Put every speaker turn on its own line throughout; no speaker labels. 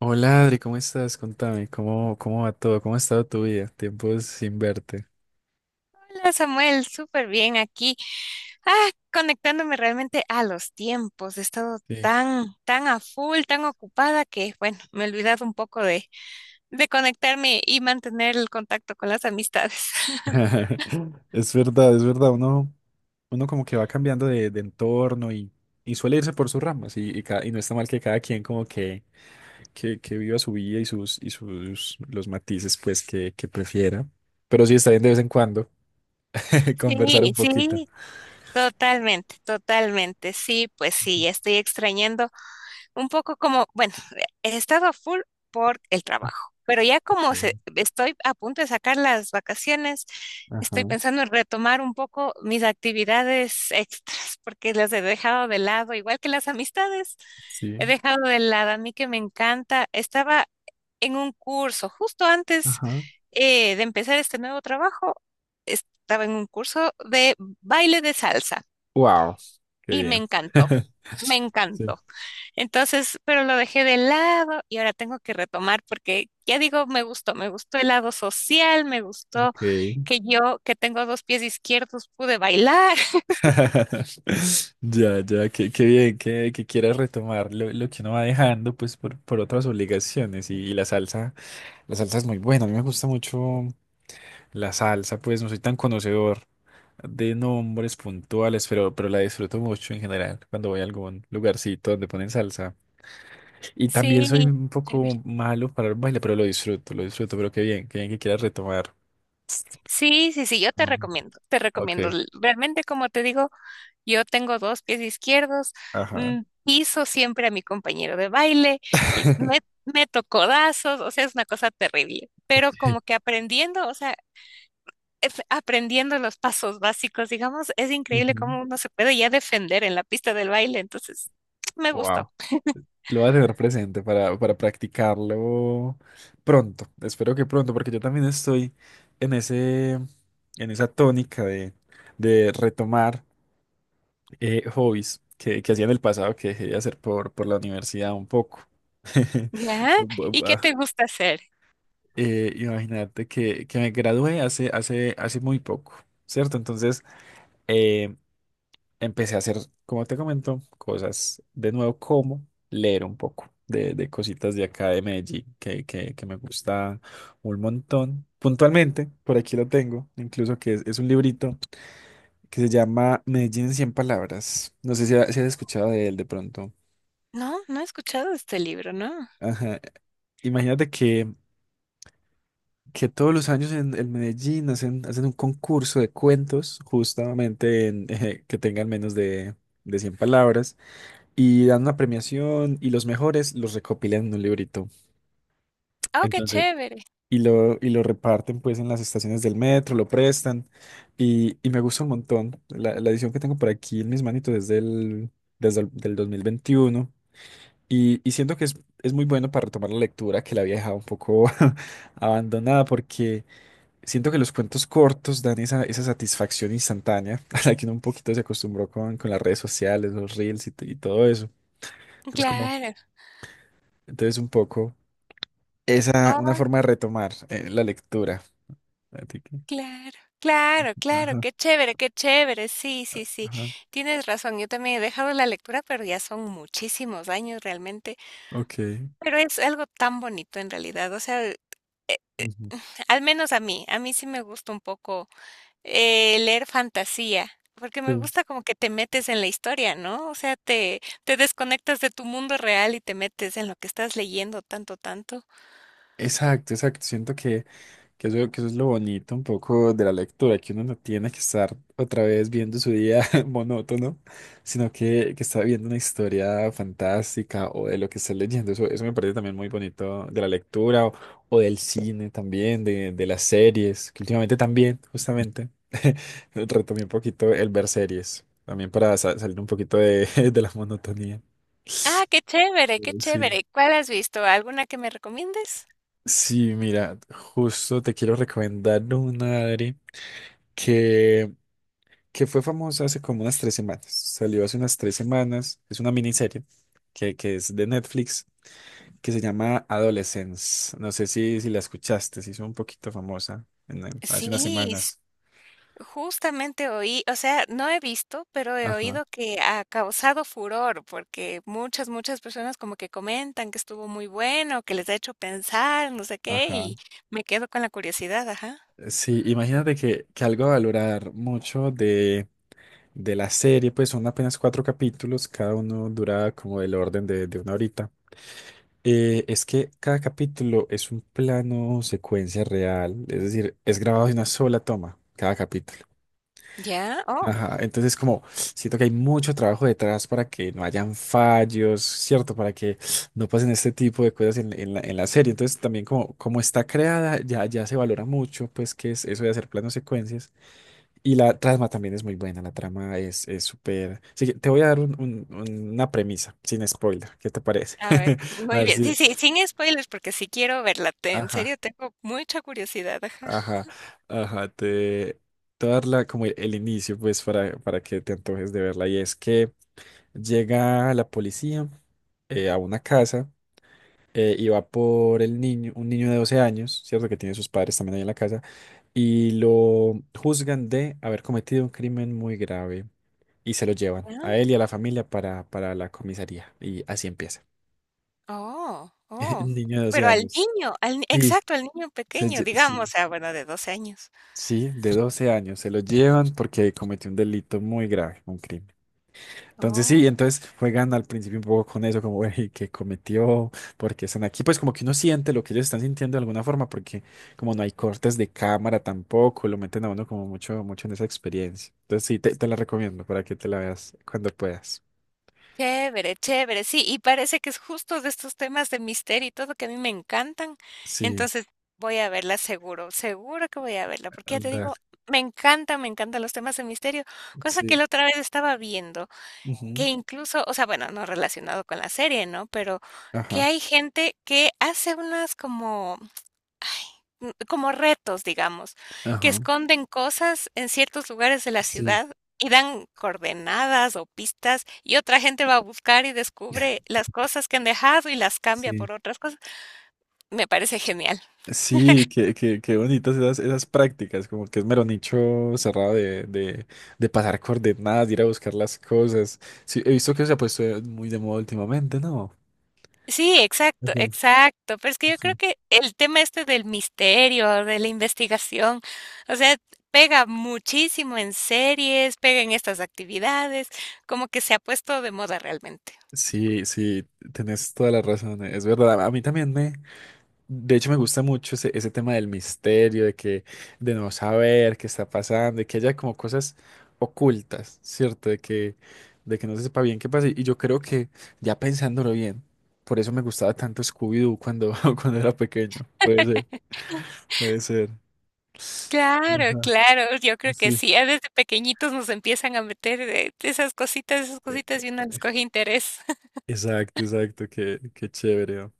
Hola Adri, ¿cómo estás? Contame, ¿cómo va todo? ¿Cómo ha estado tu vida? Tiempo sin verte.
Hola Samuel, súper bien aquí. Ah, conectándome realmente a los tiempos. He estado
Sí.
tan a full, tan ocupada que, bueno, me he olvidado un poco de conectarme y mantener el contacto con las amistades.
Es verdad, es verdad. Uno como que va cambiando de entorno y suele irse por sus ramas y no está mal que cada quien como que viva su vida y sus los matices pues que prefiera. Pero sí está bien de vez en cuando conversar
Sí,
un poquito.
sí, totalmente, totalmente. Sí, pues sí, estoy extrañando. Un poco como, bueno, he estado a full por el trabajo, pero ya como
Sí.
estoy a punto de sacar las vacaciones, estoy
Ajá,
pensando en retomar un poco mis actividades extras, porque las he dejado de lado, igual que las amistades,
sí.
he dejado de lado. A mí que me encanta, estaba en un curso justo antes
Ajá.
de empezar este nuevo trabajo, estaba en un curso de baile de salsa
Wow, qué
y me
bien.
encantó, me
Sí.
encantó. Entonces, pero lo dejé de lado y ahora tengo que retomar porque ya digo, me gustó el lado social, me gustó
Ok.
que yo, que tengo dos pies izquierdos, pude bailar.
Ya, ya, qué bien que quieras retomar lo que uno va dejando pues por otras obligaciones y la salsa es muy buena, a mí me gusta mucho la salsa, pues no soy tan conocedor de nombres puntuales, pero la disfruto mucho en general cuando voy a algún lugarcito donde ponen salsa. Y también soy
Sí,
un
chévere.
poco malo para el baile, pero lo disfruto, pero qué bien que quieras retomar.
Sí, sí, sí, yo te
Um,
recomiendo, te recomiendo.
ok,
Realmente, como te digo, yo tengo dos pies izquierdos,
ajá.
piso siempre a mi compañero de baile, l- me, meto codazos, o sea, es una cosa terrible, pero
Ok.
como que aprendiendo, o sea, aprendiendo los pasos básicos, digamos, es increíble cómo uno se puede ya defender en la pista del baile. Entonces, me gustó.
Wow. Lo voy a tener presente para practicarlo pronto. Espero que pronto, porque yo también estoy en ese, en esa tónica de retomar hobbies que hacía en el pasado, que dejé de hacer por la universidad un poco.
¿Ya?
Bu-
¿Y
bu-
qué
ah,
te gusta hacer?
imagínate que me gradué hace muy poco, ¿cierto? Entonces, eh, empecé a hacer, como te comento, cosas de nuevo, como leer un poco de cositas de acá de Medellín, que me gusta un montón. Puntualmente, por aquí lo tengo, incluso que es un librito que se llama Medellín en cien palabras. No sé si, si has escuchado de él de pronto.
No, no he escuchado de este libro, ¿no?
Ajá. Imagínate que todos los años en Medellín hacen un concurso de cuentos, justamente en, que tengan menos de 100 palabras. Y dan una premiación y los mejores los recopilan en un librito.
Oh, qué
Entonces,
chévere.
y lo reparten pues en las estaciones del metro, lo prestan y me gusta un montón. La edición que tengo por aquí en mis manitos es del, desde el del 2021 y siento que es muy bueno para retomar la lectura que la había dejado un poco abandonada porque siento que los cuentos cortos dan esa satisfacción instantánea a la que uno un poquito se acostumbró con las redes sociales, los reels y todo eso. Entonces como,
Claro.
entonces un poco... Esa, una
Oh,
forma de retomar la lectura. Fíjate que-
claro. Claro, claro,
Ajá,
qué chévere, qué chévere. Sí, sí, sí.
ajá,
Tienes razón. Yo también he dejado la lectura, pero ya son muchísimos años realmente.
ok.
Pero es algo tan bonito en realidad. O sea,
Ujú.
al menos a mí sí me gusta un poco. Leer fantasía, porque me
Sí.
gusta como que te metes en la historia, ¿no? O sea, te desconectas de tu mundo real y te metes en lo que estás leyendo tanto, tanto.
Exacto, exacto. Siento que eso es lo bonito un poco de la lectura, que uno no tiene que estar otra vez viendo su día monótono, sino que está viendo una historia fantástica o de lo que está leyendo. Eso me parece también muy bonito de la lectura o del cine también, de las series, que últimamente también, justamente, retomé un poquito el ver series, también para salir un poquito de, de la monotonía.
Ah, qué chévere, qué
Sí.
chévere. ¿Cuál has visto? ¿Alguna que me recomiendes?
Sí, mira, justo te quiero recomendar una, Adri, que que fue famosa hace como unas tres semanas. Salió hace unas tres semanas. Es una miniserie que es de Netflix que se llama Adolescence. No sé si, si la escuchaste, se hizo un poquito famosa hace
Sí,
unas
s-
semanas.
justamente oí, o sea, no he visto, pero he
Ajá,
oído que ha causado furor, porque muchas, muchas personas como que comentan que estuvo muy bueno, que les ha hecho pensar, no sé qué,
ajá.
y me quedo con la curiosidad, ajá.
Sí, imagínate que algo a valorar mucho de la serie, pues son apenas cuatro capítulos, cada uno dura como el orden de una horita. Es que cada capítulo es un plano secuencia real, es decir, es grabado de una sola toma, cada capítulo.
¿Ya? Oh.
Ajá, entonces como siento que hay mucho trabajo detrás para que no hayan fallos, ¿cierto? Para que no pasen este tipo de cosas en la serie. Entonces también como está creada, ya, ya se valora mucho, pues que es eso de hacer planos secuencias. Y la trama también es muy buena, la trama es súper... Así que te voy a dar una premisa, sin spoiler, ¿qué te parece?
A ver,
A
muy
ver
bien. Sí,
si...
sí, sin spoilers, porque sí quiero verla. En
Ajá,
serio, tengo mucha curiosidad. Ajá.
ajá, ajá, te voy a dar como el inicio, pues, para que te antojes de verla. Y es que... Llega la policía a una casa y va por el niño, un niño de 12 años, ¿cierto? Que tiene sus padres también ahí en la casa, y lo juzgan de haber cometido un crimen muy grave y se lo llevan
Ah,
a él y a la familia para la comisaría. Y así empieza.
oh, oh.
El niño de 12
Pero al
años.
niño, al, ni-
Sí,
exacto, al niño
se
pequeño,
lle-
digamos, o
sí,
sea, bueno, de 12 años.
sí, de 12 años. Se lo llevan porque cometió un delito muy grave, un crimen. Entonces sí,
Oh,
entonces juegan al principio un poco con eso, como, que ¿qué cometió? ¿Porque están aquí? Pues como que uno siente lo que ellos están sintiendo de alguna forma, porque como no hay cortes de cámara tampoco, lo meten a uno como mucho, mucho en esa experiencia. Entonces sí, te la recomiendo para que te la veas cuando puedas.
chévere, chévere. Sí, y parece que es justo de estos temas de misterio y todo que a mí me encantan.
Sí,
Entonces, voy a verla seguro, seguro que voy a verla, porque ya te
dale,
digo, me encanta, me encantan los temas de misterio, cosa que
sí.
la otra vez estaba viendo. Que
Ujú.
incluso, o sea, bueno, no relacionado con la serie, ¿no? Pero que
Ajá,
hay gente que hace unas como, ay, como retos, digamos, que
ajá,
esconden cosas en ciertos lugares de la
sí,
ciudad y dan coordenadas o pistas y otra gente va a buscar y descubre las cosas que han dejado y las cambia
sí.
por otras cosas. Me parece genial.
Sí, qué, qué, qué bonitas esas, esas prácticas, como que es mero nicho cerrado de pasar coordenadas, de ir a buscar las cosas. Sí, he visto que se ha puesto muy de moda últimamente, ¿no?
Sí, exacto,
Ok,
exacto. Pero es que yo creo
sí.
que el tema este del misterio, de la investigación, o sea, pega muchísimo en series, pega en estas actividades, como que se ha puesto de moda realmente.
Sí, sí, tenés toda la razón, es verdad. A mí también me De hecho, me gusta mucho ese, ese tema del misterio, de que, de no saber qué está pasando, de que haya como cosas ocultas, ¿cierto? De que no se sepa bien qué pasa. Y yo creo que, ya pensándolo bien, por eso me gustaba tanto Scooby-Doo cuando, cuando era pequeño. Puede ser, puede ser.
Claro,
Ajá,
claro, yo creo que
sí.
sí, ya desde pequeñitos nos empiezan a meter esas
E-
cositas y uno les coge interés.
Exacto, exacto, qué, qué chévere. ¿No?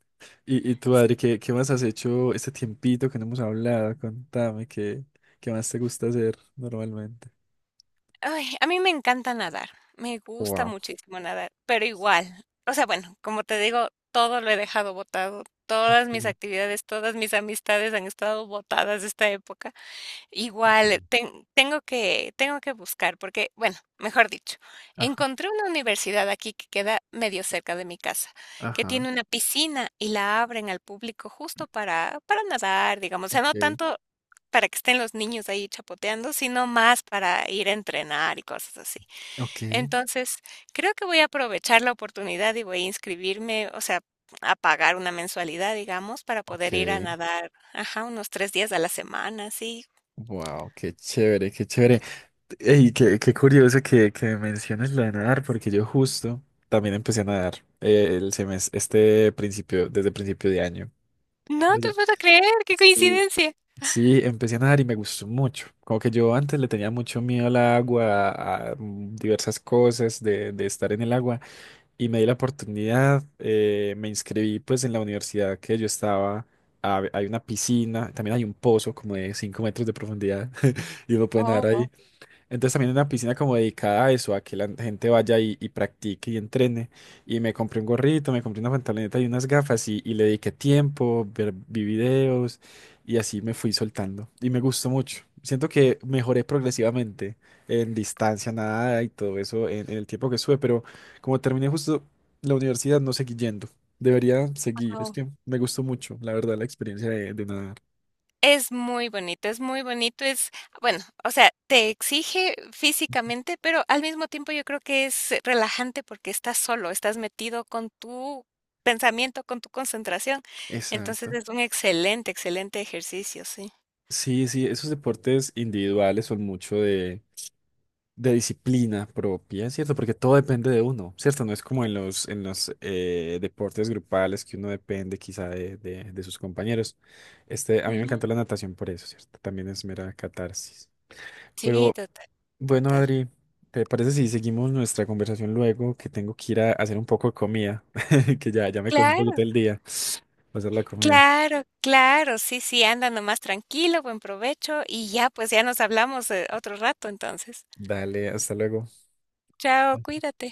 Y tú, Adri, ¿qué, qué más has hecho este tiempito que no hemos hablado? Contame, ¿qué, qué más te gusta hacer normalmente?
Ay, a mí me encanta nadar, me gusta
Wow.
muchísimo nadar, pero igual, o sea, bueno, como te digo, todo lo he dejado botado, todas mis actividades, todas mis amistades han estado botadas esta época.
Sí.
Igual, tengo que buscar, porque, bueno, mejor dicho,
Ajá,
encontré una universidad aquí que queda medio cerca de mi casa, que
ajá,
tiene una piscina y la abren al público justo para nadar, digamos, o sea, no
ok,
tanto para que estén los niños ahí chapoteando, sino más para ir a entrenar y cosas así.
ok,
Entonces, creo que voy a aprovechar la oportunidad y voy a inscribirme, o sea, a pagar una mensualidad, digamos, para poder ir a
ok.
nadar, ajá, unos 3 días a la semana, sí.
Wow, qué chévere, qué chévere. Y qué, qué curioso que menciones lo de nadar, porque yo justo también empecé a nadar el semestre, este principio, desde principio de año.
No te
Vaya.
puedo creer, qué
Sí,
coincidencia.
sí, empecé a nadar y me gustó mucho. Como que yo antes le tenía mucho miedo al agua, a diversas cosas de estar en el agua. Y me di la oportunidad, me inscribí pues en la universidad que yo estaba, hay una piscina, también hay un pozo como de 5 metros de profundidad y uno puede nadar ahí.
Oh,
Entonces también una piscina como dedicada a eso, a que la gente vaya y practique y entrene. Y me compré un gorrito, me compré una pantaloneta y unas gafas y le dediqué tiempo, vi videos y así me fui soltando. Y me gustó mucho. Siento que mejoré progresivamente en distancia, nada y todo eso en el tiempo que estuve, pero como terminé justo la universidad no seguí yendo. Debería seguir, es
guau.
que me gustó mucho, la verdad, la experiencia de nadar.
Es muy bonito, es muy bonito, es bueno, o sea, te exige físicamente, pero al mismo tiempo yo creo que es relajante porque estás solo, estás metido con tu pensamiento, con tu concentración. Entonces
Exacto.
es un excelente, excelente ejercicio, sí.
Sí, sí, esos deportes individuales son mucho de disciplina propia, ¿cierto? Porque todo depende de uno, ¿cierto? No es como en los deportes grupales que uno depende quizá de sus compañeros. Este, a mí me
Ujú.
encantó la natación por eso, ¿cierto? También es mera catarsis. Pero
Sí, total,
bueno,
total.
Adri, ¿te parece si seguimos nuestra conversación luego? Que tengo que ir a hacer un poco de comida, que ya, ya me cogí un poquito
Claro,
el día, va a hacer la comida.
claro, claro, sí, sí, anda nomás tranquilo, buen provecho y ya, pues ya nos hablamos, otro rato entonces.
Dale, hasta luego.
Chao, cuídate.